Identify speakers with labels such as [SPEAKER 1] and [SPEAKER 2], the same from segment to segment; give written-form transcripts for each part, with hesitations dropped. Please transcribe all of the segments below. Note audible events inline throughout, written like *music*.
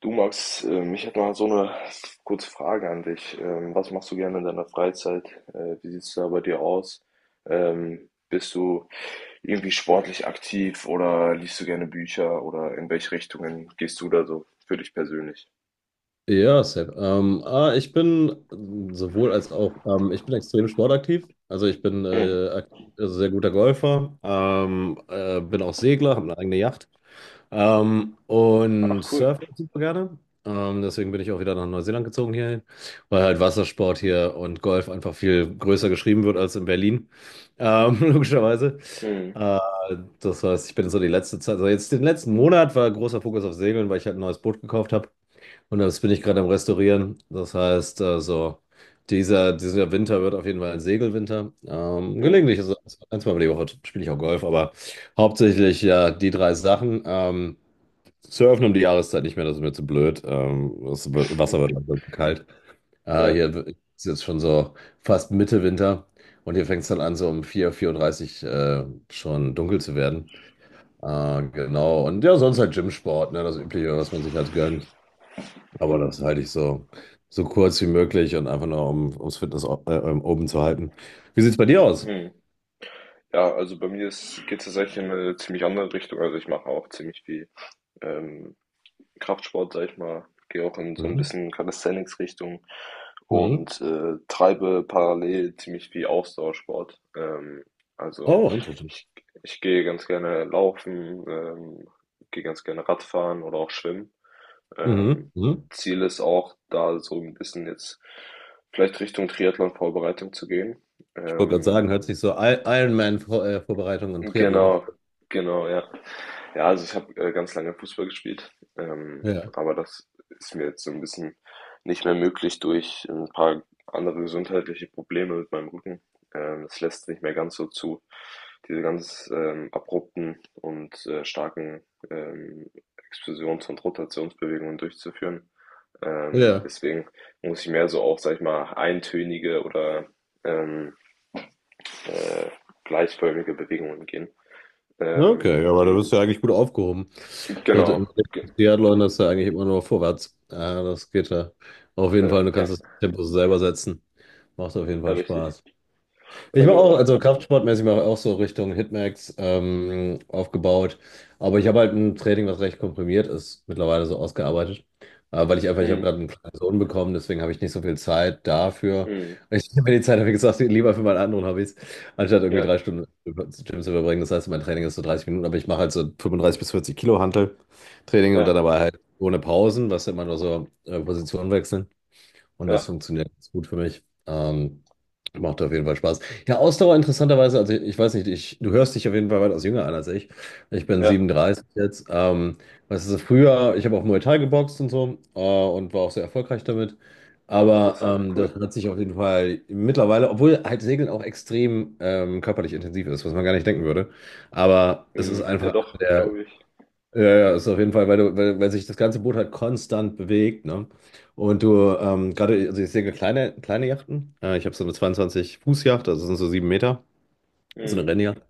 [SPEAKER 1] Du Max, ich hätte mal so eine kurze Frage an dich. Was machst du gerne in deiner Freizeit? Wie sieht es da bei dir aus? Bist du irgendwie sportlich aktiv oder liest du gerne Bücher oder in welche Richtungen gehst du da so für dich persönlich?
[SPEAKER 2] Ja, Sepp. Ich bin sowohl als auch, ich bin extrem sportaktiv. Also ich bin
[SPEAKER 1] Mhm.
[SPEAKER 2] aktiv, also sehr guter Golfer, bin auch Segler, habe eine eigene Yacht und
[SPEAKER 1] Ach, cool.
[SPEAKER 2] surfe auch super gerne. Deswegen bin ich auch wieder nach Neuseeland gezogen hierhin, weil halt Wassersport hier und Golf einfach viel größer geschrieben wird als in Berlin, *laughs* logischerweise.
[SPEAKER 1] Mhm.
[SPEAKER 2] Äh, das heißt, ich bin so die letzte Zeit, also jetzt den letzten Monat war großer Fokus auf Segeln, weil ich halt ein neues Boot gekauft habe. Und das bin ich gerade am Restaurieren. Das heißt, dieser Winter wird auf jeden Fall ein Segelwinter.
[SPEAKER 1] Mhm.
[SPEAKER 2] Gelegentlich, also ein, zweimal die Woche spiele ich auch Golf, aber hauptsächlich ja die drei Sachen. Surfen um die Jahreszeit nicht mehr, das ist mir zu blöd. Wasser wird
[SPEAKER 1] *laughs*
[SPEAKER 2] langsam zu kalt.
[SPEAKER 1] Ja.
[SPEAKER 2] Hier ist jetzt schon so fast Mitte Winter und hier fängt es dann an, so um 4 4:30 Uhr dreißig schon dunkel zu werden. Genau, und ja, sonst halt Gymsport, ne, das Übliche, was man sich halt gönnt. Aber das halte ich so kurz wie möglich und einfach nur, ums Fitness oben zu halten. Wie sieht es bei dir aus?
[SPEAKER 1] Mhm. Ja, also bei mir geht es tatsächlich in eine ziemlich andere Richtung. Also ich mache auch ziemlich viel ähm, Kraftsport, sage ich mal, gehe auch in so ein
[SPEAKER 2] Mhm.
[SPEAKER 1] bisschen Calisthenics-Richtung
[SPEAKER 2] Mhm.
[SPEAKER 1] und treibe parallel ziemlich viel Ausdauersport. Also
[SPEAKER 2] Oh, interesting.
[SPEAKER 1] ich, ich gehe ganz gerne laufen, gehe ganz gerne Radfahren oder auch schwimmen.
[SPEAKER 2] Mhm.
[SPEAKER 1] Ähm,
[SPEAKER 2] Mhm.
[SPEAKER 1] Ziel ist auch, da so ein bisschen jetzt vielleicht Richtung Triathlon-Vorbereitung zu gehen.
[SPEAKER 2] Ich wollte gerade
[SPEAKER 1] Ähm,
[SPEAKER 2] sagen, hört sich so Ironman-Vorbereitung und Triathlon.
[SPEAKER 1] genau, genau, ja. Ja, also ich habe ganz lange Fußball gespielt,
[SPEAKER 2] Ja,
[SPEAKER 1] aber das ist mir jetzt so ein bisschen nicht mehr möglich durch ein paar andere gesundheitliche Probleme mit meinem Rücken. Das lässt nicht mehr ganz so zu, diese ganz abrupten und starken ähm, Explosions- und Rotationsbewegungen durchzuführen.
[SPEAKER 2] ja.
[SPEAKER 1] Deswegen muss ich mehr so auch, sag ich mal, eintönige oder ähm, äh, gleichförmige Bewegungen gehen.
[SPEAKER 2] Okay,
[SPEAKER 1] Ähm,
[SPEAKER 2] ja, aber da bist du ja eigentlich gut aufgehoben. Also
[SPEAKER 1] genau.
[SPEAKER 2] im
[SPEAKER 1] Ge-
[SPEAKER 2] Triathlon ist ja eigentlich immer nur vorwärts. Das geht ja auf jeden Fall. Du
[SPEAKER 1] ja.
[SPEAKER 2] kannst das Tempo selber setzen. Macht auf jeden
[SPEAKER 1] Ja,
[SPEAKER 2] Fall
[SPEAKER 1] richtig.
[SPEAKER 2] Spaß. Ich
[SPEAKER 1] Ja,
[SPEAKER 2] mache auch,
[SPEAKER 1] genau.
[SPEAKER 2] also kraftsportmäßig mache ich auch so Richtung Hitmax aufgebaut. Aber ich habe halt ein Training, was recht komprimiert ist, mittlerweile so ausgearbeitet. Ich habe
[SPEAKER 1] Mhm.
[SPEAKER 2] gerade einen kleinen Sohn bekommen, deswegen habe ich nicht so viel Zeit dafür.
[SPEAKER 1] Mhm.
[SPEAKER 2] Ich nehme mir die Zeit, habe ich gesagt, lieber für meine anderen Hobbys, anstatt irgendwie
[SPEAKER 1] Ja,
[SPEAKER 2] 3 Stunden im Gym zu verbringen. Das heißt, mein Training ist so 30 Minuten, aber ich mache halt so 35 bis 40 Kilo Hantel-Training und dann
[SPEAKER 1] ja,
[SPEAKER 2] dabei halt ohne Pausen, was immer nur so Positionen wechseln. Und das
[SPEAKER 1] ja,
[SPEAKER 2] funktioniert ganz gut für mich. Macht auf jeden Fall Spaß. Ja, Ausdauer interessanterweise, also ich weiß nicht, du hörst dich auf jeden Fall weitaus jünger an als ich. Ich bin
[SPEAKER 1] ja.
[SPEAKER 2] 37 jetzt. Weißt du, früher, ich habe auch Muay Thai geboxt und so, und war auch sehr erfolgreich damit.
[SPEAKER 1] Auch
[SPEAKER 2] Aber
[SPEAKER 1] interessant,
[SPEAKER 2] ähm, das
[SPEAKER 1] cool.
[SPEAKER 2] hat sich auf jeden Fall mittlerweile, obwohl halt Segeln auch extrem körperlich intensiv ist, was man gar nicht denken würde. Aber es ist
[SPEAKER 1] Mhm. Ja,
[SPEAKER 2] einfach einer
[SPEAKER 1] doch,
[SPEAKER 2] der,
[SPEAKER 1] glaube ich.
[SPEAKER 2] ja, ja, ist auf jeden Fall, weil du, weil sich das ganze Boot halt konstant bewegt, ne? Und du, gerade, also ich sehe kleine, kleine Yachten. Ich habe so eine 22-Fuß-Yacht, also sind so 7 Meter, so
[SPEAKER 1] Mhm.
[SPEAKER 2] eine Rennjacht.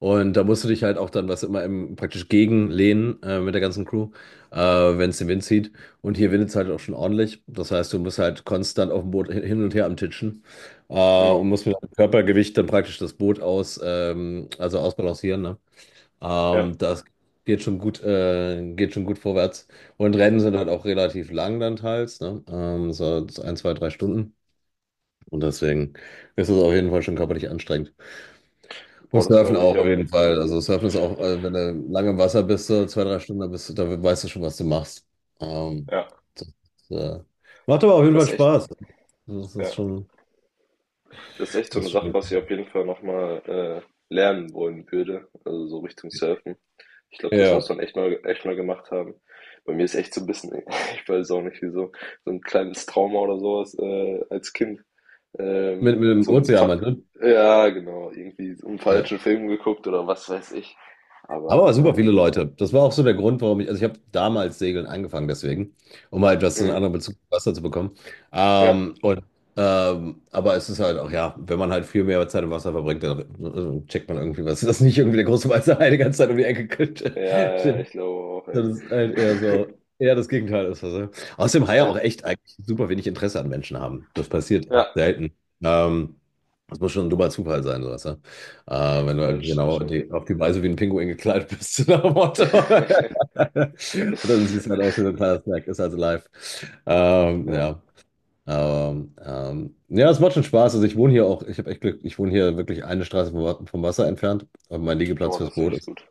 [SPEAKER 2] Und da musst du dich halt auch dann, was immer im, praktisch gegenlehnen, mit der ganzen Crew, wenn es den Wind zieht. Und hier windet es halt auch schon ordentlich. Das heißt, du musst halt konstant auf dem Boot hin und her am Titschen, und
[SPEAKER 1] Mhm.
[SPEAKER 2] musst mit deinem Körpergewicht dann praktisch das Boot aus, also ausbalancieren, ne?
[SPEAKER 1] Ja,
[SPEAKER 2] Das geht schon gut vorwärts. Und Rennen sind halt auch relativ lang dann teils, ne? So 1, 2, 3 Stunden. Und deswegen ist es auf jeden Fall schon körperlich anstrengend. Und
[SPEAKER 1] boah, das
[SPEAKER 2] Surfen
[SPEAKER 1] glaube ich,
[SPEAKER 2] auch auf
[SPEAKER 1] ja.
[SPEAKER 2] jeden Fall. Also Surfen ist auch, wenn du lange im Wasser bist, so 2, 3 Stunden, da weißt du schon, was du machst. Ähm,
[SPEAKER 1] Ja,
[SPEAKER 2] das, äh, macht aber auf jeden Fall
[SPEAKER 1] das ist echt,
[SPEAKER 2] Spaß. Das ist
[SPEAKER 1] ja.
[SPEAKER 2] schon,
[SPEAKER 1] Das ist echt so
[SPEAKER 2] das
[SPEAKER 1] eine
[SPEAKER 2] ist
[SPEAKER 1] Sache,
[SPEAKER 2] schon.
[SPEAKER 1] was ich auf jeden Fall nochmal lernen wollen würde. Also so Richtung Surfen. Ich glaube, das
[SPEAKER 2] Ja.
[SPEAKER 1] muss man echt mal gemacht haben. Bei mir ist echt so ein bisschen, *laughs* ich weiß auch nicht wieso, so so ein kleines Trauma oder sowas als Kind.
[SPEAKER 2] Mit, mit dem
[SPEAKER 1] So ein
[SPEAKER 2] Ozean,
[SPEAKER 1] Fa
[SPEAKER 2] meinst du?
[SPEAKER 1] ja, genau, irgendwie so 'n
[SPEAKER 2] Ja.
[SPEAKER 1] falschen Film geguckt oder was weiß ich.
[SPEAKER 2] Aber
[SPEAKER 1] Aber,
[SPEAKER 2] super viele
[SPEAKER 1] ähm,
[SPEAKER 2] Leute. Das war auch so der Grund, warum ich, also ich habe damals Segeln angefangen, deswegen, um mal etwas einen
[SPEAKER 1] mhm,
[SPEAKER 2] anderen Bezug zu Wasser zu bekommen.
[SPEAKER 1] ja,
[SPEAKER 2] Ähm, und, aber es ist halt auch, ja, wenn man halt viel mehr Zeit im Wasser verbringt, dann checkt man irgendwie was, dass nicht irgendwie der große weiße Hai die *laughs* ganze Zeit um die Ecke
[SPEAKER 1] ja, ja, ja,
[SPEAKER 2] *laughs*
[SPEAKER 1] ich glaube auch, ey.
[SPEAKER 2] Das ist halt eher so,
[SPEAKER 1] *laughs*
[SPEAKER 2] eher das Gegenteil ist das. Ja. Außerdem Haie auch
[SPEAKER 1] Ja,
[SPEAKER 2] echt eigentlich super wenig Interesse an Menschen haben. Das passiert
[SPEAKER 1] ja,
[SPEAKER 2] echt selten. Ähm, das muss schon ein dummer Zufall sein, sowas. Ja? Wenn du
[SPEAKER 1] ja, das
[SPEAKER 2] irgendwie
[SPEAKER 1] stimmt
[SPEAKER 2] genau
[SPEAKER 1] schon.
[SPEAKER 2] die, auf die Weise wie ein Pinguin gekleidet bist, *laughs* so nach dem Motto. *laughs*
[SPEAKER 1] *laughs*
[SPEAKER 2] Und dann siehst du halt aus wie so ein kleiner Snack, ist also live.
[SPEAKER 1] Ja,
[SPEAKER 2] Ja. Ja, es macht schon Spaß. Also ich wohne hier auch, ich habe echt Glück, ich wohne hier wirklich eine Straße vom Wasser entfernt. Und mein Liegeplatz
[SPEAKER 1] oh,
[SPEAKER 2] fürs
[SPEAKER 1] das ist
[SPEAKER 2] Boot
[SPEAKER 1] echt
[SPEAKER 2] ist.
[SPEAKER 1] gut.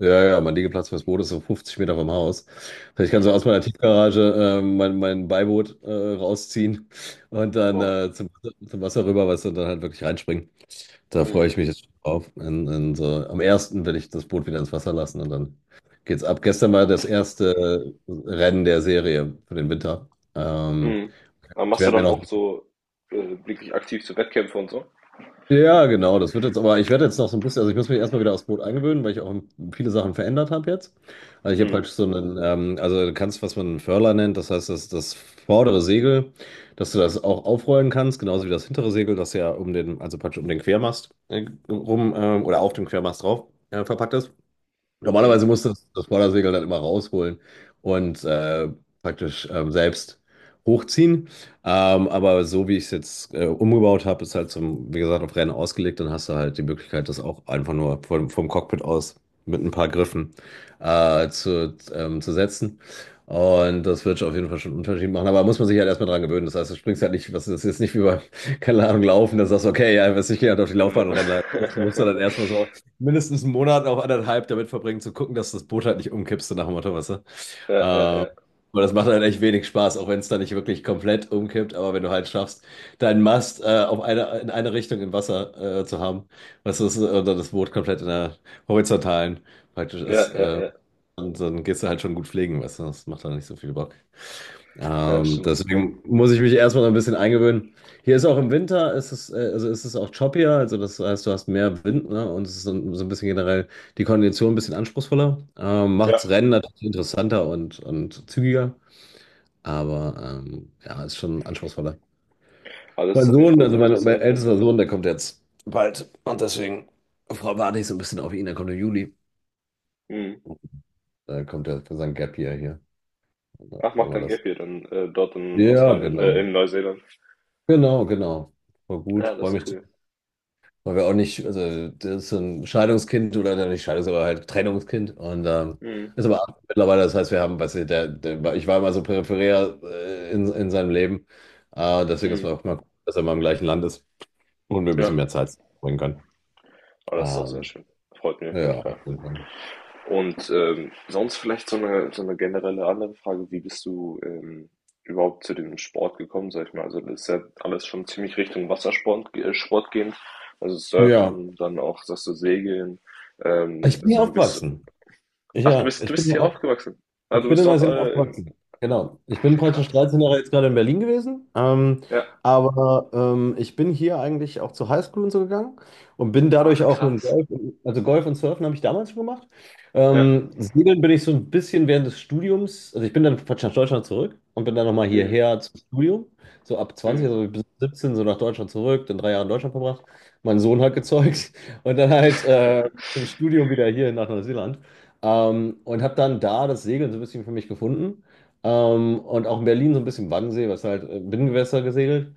[SPEAKER 2] Ja, ja, mein Liegeplatz fürs Boot ist so 50 Meter vom Haus. Ich kann so
[SPEAKER 1] Mhm,
[SPEAKER 2] aus meiner Tiefgarage mein Beiboot rausziehen und dann
[SPEAKER 1] boah,
[SPEAKER 2] zum Wasser rüber, weißt du, und dann halt wirklich reinspringen. Da freue
[SPEAKER 1] mhm,
[SPEAKER 2] ich mich jetzt schon drauf. Am ersten werde ich das Boot wieder ins Wasser lassen und dann geht's ab. Gestern war das erste Rennen der Serie für den Winter. Ähm,
[SPEAKER 1] mhm. Aber
[SPEAKER 2] Ich
[SPEAKER 1] machst du
[SPEAKER 2] werde mir
[SPEAKER 1] dann
[SPEAKER 2] noch.
[SPEAKER 1] auch so, äh, wirklich aktiv zu Wettkämpfe und so?
[SPEAKER 2] Ja, genau, das wird jetzt aber, ich werde jetzt noch so ein bisschen, also ich muss mich erstmal wieder aufs Boot eingewöhnen, weil ich auch viele Sachen verändert habe jetzt. Also ich habe
[SPEAKER 1] Mhm,
[SPEAKER 2] praktisch so einen, also du kannst, was man einen Furler nennt, das heißt, das vordere Segel, dass du das auch aufrollen kannst, genauso wie das hintere Segel, das ja um den, also praktisch um den Quermast rum, oder auf dem Quermast drauf verpackt ist.
[SPEAKER 1] mhm,
[SPEAKER 2] Normalerweise musste das Vordersegel dann immer rausholen und praktisch selbst hochziehen. Aber so wie ich es jetzt umgebaut habe, ist halt zum, wie gesagt, auf Rennen ausgelegt. Dann hast du halt die Möglichkeit, das auch einfach nur vom Cockpit aus mit ein paar Griffen zu setzen. Und das wird auf jeden Fall schon einen Unterschied machen. Aber muss man sich halt erstmal dran gewöhnen. Das heißt, du springst halt nicht, was das ist jetzt nicht wie beim, *laughs* keine Ahnung, Laufen, dass du sagst, okay, ja, was ich gehe halt auf die
[SPEAKER 1] ja.
[SPEAKER 2] Laufbahn und renne. Leider. Du musst dann
[SPEAKER 1] *laughs*
[SPEAKER 2] erstmal so mindestens einen Monat, auch anderthalb damit verbringen, zu gucken, dass das Boot halt nicht umkippt, so nach dem Motto, weißt du?
[SPEAKER 1] Ja, ja,
[SPEAKER 2] Äh,
[SPEAKER 1] ja.
[SPEAKER 2] und das macht halt echt wenig Spaß, auch wenn es dann nicht wirklich komplett umkippt, aber wenn du halt schaffst, deinen Mast auf eine, in eine Richtung im Wasser zu haben, weißt du, und dann das Boot komplett in der horizontalen praktisch
[SPEAKER 1] Ja,
[SPEAKER 2] ist,
[SPEAKER 1] ja, ja.
[SPEAKER 2] und dann gehst du halt schon gut pflegen, weißt du? Das macht dann nicht so viel Bock.
[SPEAKER 1] Ja, das
[SPEAKER 2] Ähm,
[SPEAKER 1] stimmt.
[SPEAKER 2] deswegen muss ich mich erstmal ein bisschen eingewöhnen. Hier ist auch im Winter, ist es, also ist es auch choppier, also das heißt, du hast mehr Wind, ne? Und es ist so ein bisschen generell die Kondition ein bisschen anspruchsvoller.
[SPEAKER 1] Ja,
[SPEAKER 2] Macht's Rennen natürlich interessanter und zügiger, aber ja, ist schon anspruchsvoller.
[SPEAKER 1] aber das
[SPEAKER 2] Mein
[SPEAKER 1] ist auf jeden
[SPEAKER 2] Sohn,
[SPEAKER 1] Fall
[SPEAKER 2] also
[SPEAKER 1] sehr
[SPEAKER 2] mein
[SPEAKER 1] interessant.
[SPEAKER 2] ältester Sohn, der kommt jetzt bald und deswegen warte ich so ein bisschen auf ihn, der kommt im Juli.
[SPEAKER 1] Mhm.
[SPEAKER 2] Da kommt er für sein Gap Year hier. Und dann
[SPEAKER 1] Ach,
[SPEAKER 2] wollen
[SPEAKER 1] macht
[SPEAKER 2] wir
[SPEAKER 1] dann
[SPEAKER 2] das.
[SPEAKER 1] Gap Year dann dort in
[SPEAKER 2] Ja,
[SPEAKER 1] Australien,
[SPEAKER 2] genau.
[SPEAKER 1] in Neuseeland.
[SPEAKER 2] Genau, genau. Voll gut,
[SPEAKER 1] Ja, das
[SPEAKER 2] freue mich.
[SPEAKER 1] ist cool.
[SPEAKER 2] Weil wir auch nicht, also das ist so ein Scheidungskind oder nein, nicht Scheidungs, aber halt Trennungskind und
[SPEAKER 1] Mhm.
[SPEAKER 2] ist aber mittlerweile, das heißt, wir haben, weißt du, ich war immer so peripherär in seinem Leben, deswegen ist es
[SPEAKER 1] Mhm.
[SPEAKER 2] auch mal gut, dass er mal im gleichen Land ist und wir ein bisschen
[SPEAKER 1] Ja,
[SPEAKER 2] mehr Zeit bringen können.
[SPEAKER 1] aber das ist auch sehr
[SPEAKER 2] Ähm,
[SPEAKER 1] schön. Freut mich auf jeden
[SPEAKER 2] ja,
[SPEAKER 1] Fall. Und sonst vielleicht so eine generelle andere Frage, wie bist du überhaupt zu dem Sport gekommen, sag ich mal? Also das ist ja alles schon ziemlich Richtung Wassersport Sport gehend. Also
[SPEAKER 2] ja,
[SPEAKER 1] Surfen, dann auch, sagst du, Segeln.
[SPEAKER 2] ich bin hier
[SPEAKER 1] Also wie bist du?
[SPEAKER 2] aufgewachsen.
[SPEAKER 1] Ach,
[SPEAKER 2] Ja,
[SPEAKER 1] du
[SPEAKER 2] ich bin
[SPEAKER 1] bist
[SPEAKER 2] hier
[SPEAKER 1] hier
[SPEAKER 2] auch.
[SPEAKER 1] aufgewachsen. Ah,
[SPEAKER 2] Ich
[SPEAKER 1] du
[SPEAKER 2] bin
[SPEAKER 1] bist
[SPEAKER 2] in
[SPEAKER 1] dort
[SPEAKER 2] Neuseeland
[SPEAKER 1] in...
[SPEAKER 2] aufgewachsen. Genau. Ich bin
[SPEAKER 1] Ach,
[SPEAKER 2] praktisch
[SPEAKER 1] krass.
[SPEAKER 2] 13 Jahre jetzt gerade in Berlin gewesen.
[SPEAKER 1] Ja.
[SPEAKER 2] Ich bin hier eigentlich auch zur Highschool und so gegangen und bin dadurch
[SPEAKER 1] Ach,
[SPEAKER 2] auch mit dem
[SPEAKER 1] krass.
[SPEAKER 2] Golf, also Golf und Surfen habe ich damals schon gemacht.
[SPEAKER 1] Ja.
[SPEAKER 2] Segeln bin ich so ein bisschen während des Studiums, also ich bin dann praktisch nach Deutschland zurück und bin dann nochmal
[SPEAKER 1] Mhm.
[SPEAKER 2] hierher zum Studium. So ab 20
[SPEAKER 1] Mhm.
[SPEAKER 2] also bis 17, so nach Deutschland zurück, dann 3 Jahre in Deutschland verbracht. Mein Sohn hat gezeugt *laughs* und dann halt zum
[SPEAKER 1] *laughs*
[SPEAKER 2] Studium wieder hier nach Neuseeland. Und habe dann da das Segeln so ein bisschen für mich gefunden. Und auch in Berlin so ein bisschen Wannsee, was halt Binnengewässer gesegelt.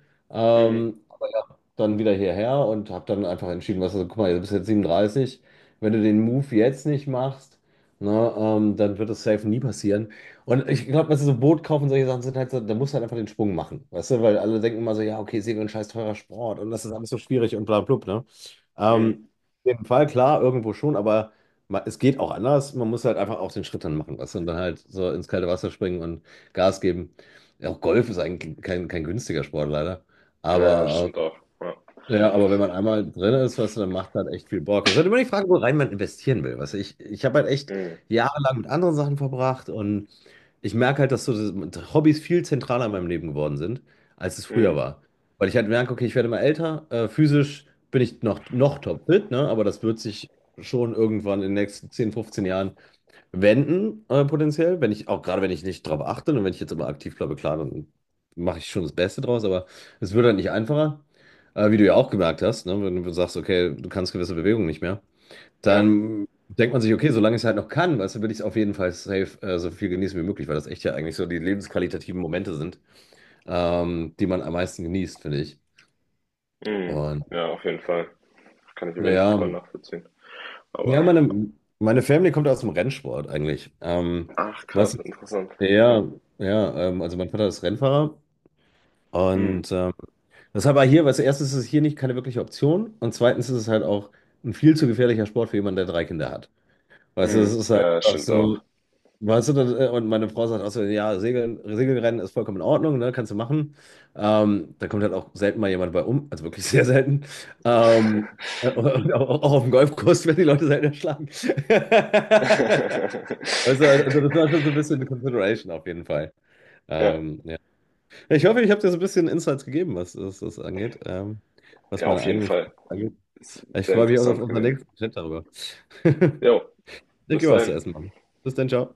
[SPEAKER 1] Mhm.
[SPEAKER 2] Aber ja, dann wieder hierher und habe dann einfach entschieden, was, also, guck mal, du bist jetzt 37. Wenn du den Move jetzt nicht machst, ne, dann wird das safe nie passieren. Und ich glaube, weißt du, so Boot kaufen und solche Sachen sind halt so, da musst du halt einfach den Sprung machen. Weißt du, weil alle denken immer so, ja, okay, Segeln, scheiß teurer Sport und das ist alles so schwierig und bla blub, ne?
[SPEAKER 1] Mhm.
[SPEAKER 2] Ähm, auf jeden Fall, klar, irgendwo schon, aber es geht auch anders. Man muss halt einfach auch den Schritt dann machen, weißt du, und dann halt so ins kalte Wasser springen und Gas geben. Ja, auch Golf ist eigentlich kein günstiger Sport, leider.
[SPEAKER 1] Ja, das
[SPEAKER 2] Aber,
[SPEAKER 1] stimmt auch. Ja.
[SPEAKER 2] ja, aber wenn man einmal drin ist, weißt du, dann macht halt echt viel Bock. Es ist halt immer die Frage, wo rein man investieren will. Weißt du, ich habe halt echt
[SPEAKER 1] Mhm.
[SPEAKER 2] jahrelang mit anderen Sachen verbracht und ich merke halt, dass so Hobbys viel zentraler in meinem Leben geworden sind, als es früher
[SPEAKER 1] Mhm.
[SPEAKER 2] war. Weil ich halt merke, okay, ich werde immer älter, physisch bin ich noch topfit, ne? Aber das wird sich schon irgendwann in den nächsten 10, 15 Jahren wenden, potenziell. Wenn ich, auch gerade wenn ich nicht drauf achte und wenn ich jetzt immer aktiv bleibe, klar, dann mache ich schon das Beste draus, aber es wird halt nicht einfacher. Wie du ja auch gemerkt hast, ne? Wenn du sagst, okay, du kannst gewisse Bewegungen nicht mehr.
[SPEAKER 1] Ja.
[SPEAKER 2] Dann denkt man sich, okay, solange ich es halt noch kann, weißt du, will ich es auf jeden Fall safe so viel genießen wie möglich, weil das echt ja eigentlich so die lebensqualitativen Momente sind, die man am meisten genießt, finde ich.
[SPEAKER 1] Mhm.
[SPEAKER 2] Und
[SPEAKER 1] Ja, auf jeden Fall. Kann ich auf jeden Fall
[SPEAKER 2] ja,
[SPEAKER 1] voll nachvollziehen.
[SPEAKER 2] ja,
[SPEAKER 1] Aber,
[SPEAKER 2] meine Family kommt aus dem Rennsport eigentlich.
[SPEAKER 1] ach krass,
[SPEAKER 2] Was,
[SPEAKER 1] interessant.
[SPEAKER 2] ja, ja, also mein Vater ist Rennfahrer
[SPEAKER 1] Mhm.
[SPEAKER 2] und das ist aber hier, weißt du, erstens ist es hier nicht keine wirkliche Option und zweitens ist es halt auch ein viel zu gefährlicher Sport für jemanden, der drei Kinder hat. Weißt du, es
[SPEAKER 1] Mhm.
[SPEAKER 2] ist halt
[SPEAKER 1] Ja, das
[SPEAKER 2] einfach
[SPEAKER 1] stimmt auch.
[SPEAKER 2] so. Weißt du, und meine Frau sagt auch so, ja, Segeln, Segelrennen ist vollkommen in Ordnung, ne, kannst du machen. Da kommt halt auch selten mal jemand bei um, also wirklich sehr selten. Ähm, und auch auf dem Golfkurs werden die Leute selten erschlagen. *laughs* Also das war schon so
[SPEAKER 1] *laughs*
[SPEAKER 2] ein bisschen eine Consideration auf jeden Fall.
[SPEAKER 1] Ja,
[SPEAKER 2] Ja. Ich hoffe, ich habe dir so ein bisschen Insights gegeben, was das angeht, was
[SPEAKER 1] ja,
[SPEAKER 2] meine
[SPEAKER 1] auf jeden
[SPEAKER 2] eigenen
[SPEAKER 1] Fall.
[SPEAKER 2] angeht.
[SPEAKER 1] Ist
[SPEAKER 2] Ich
[SPEAKER 1] sehr
[SPEAKER 2] freue mich auch auf
[SPEAKER 1] interessant
[SPEAKER 2] unseren
[SPEAKER 1] gewesen.
[SPEAKER 2] nächsten Chat darüber. *laughs*
[SPEAKER 1] Jo,
[SPEAKER 2] Ich
[SPEAKER 1] bis
[SPEAKER 2] gebe was zu
[SPEAKER 1] dahin.
[SPEAKER 2] essen, Mann. Bis dann, ciao.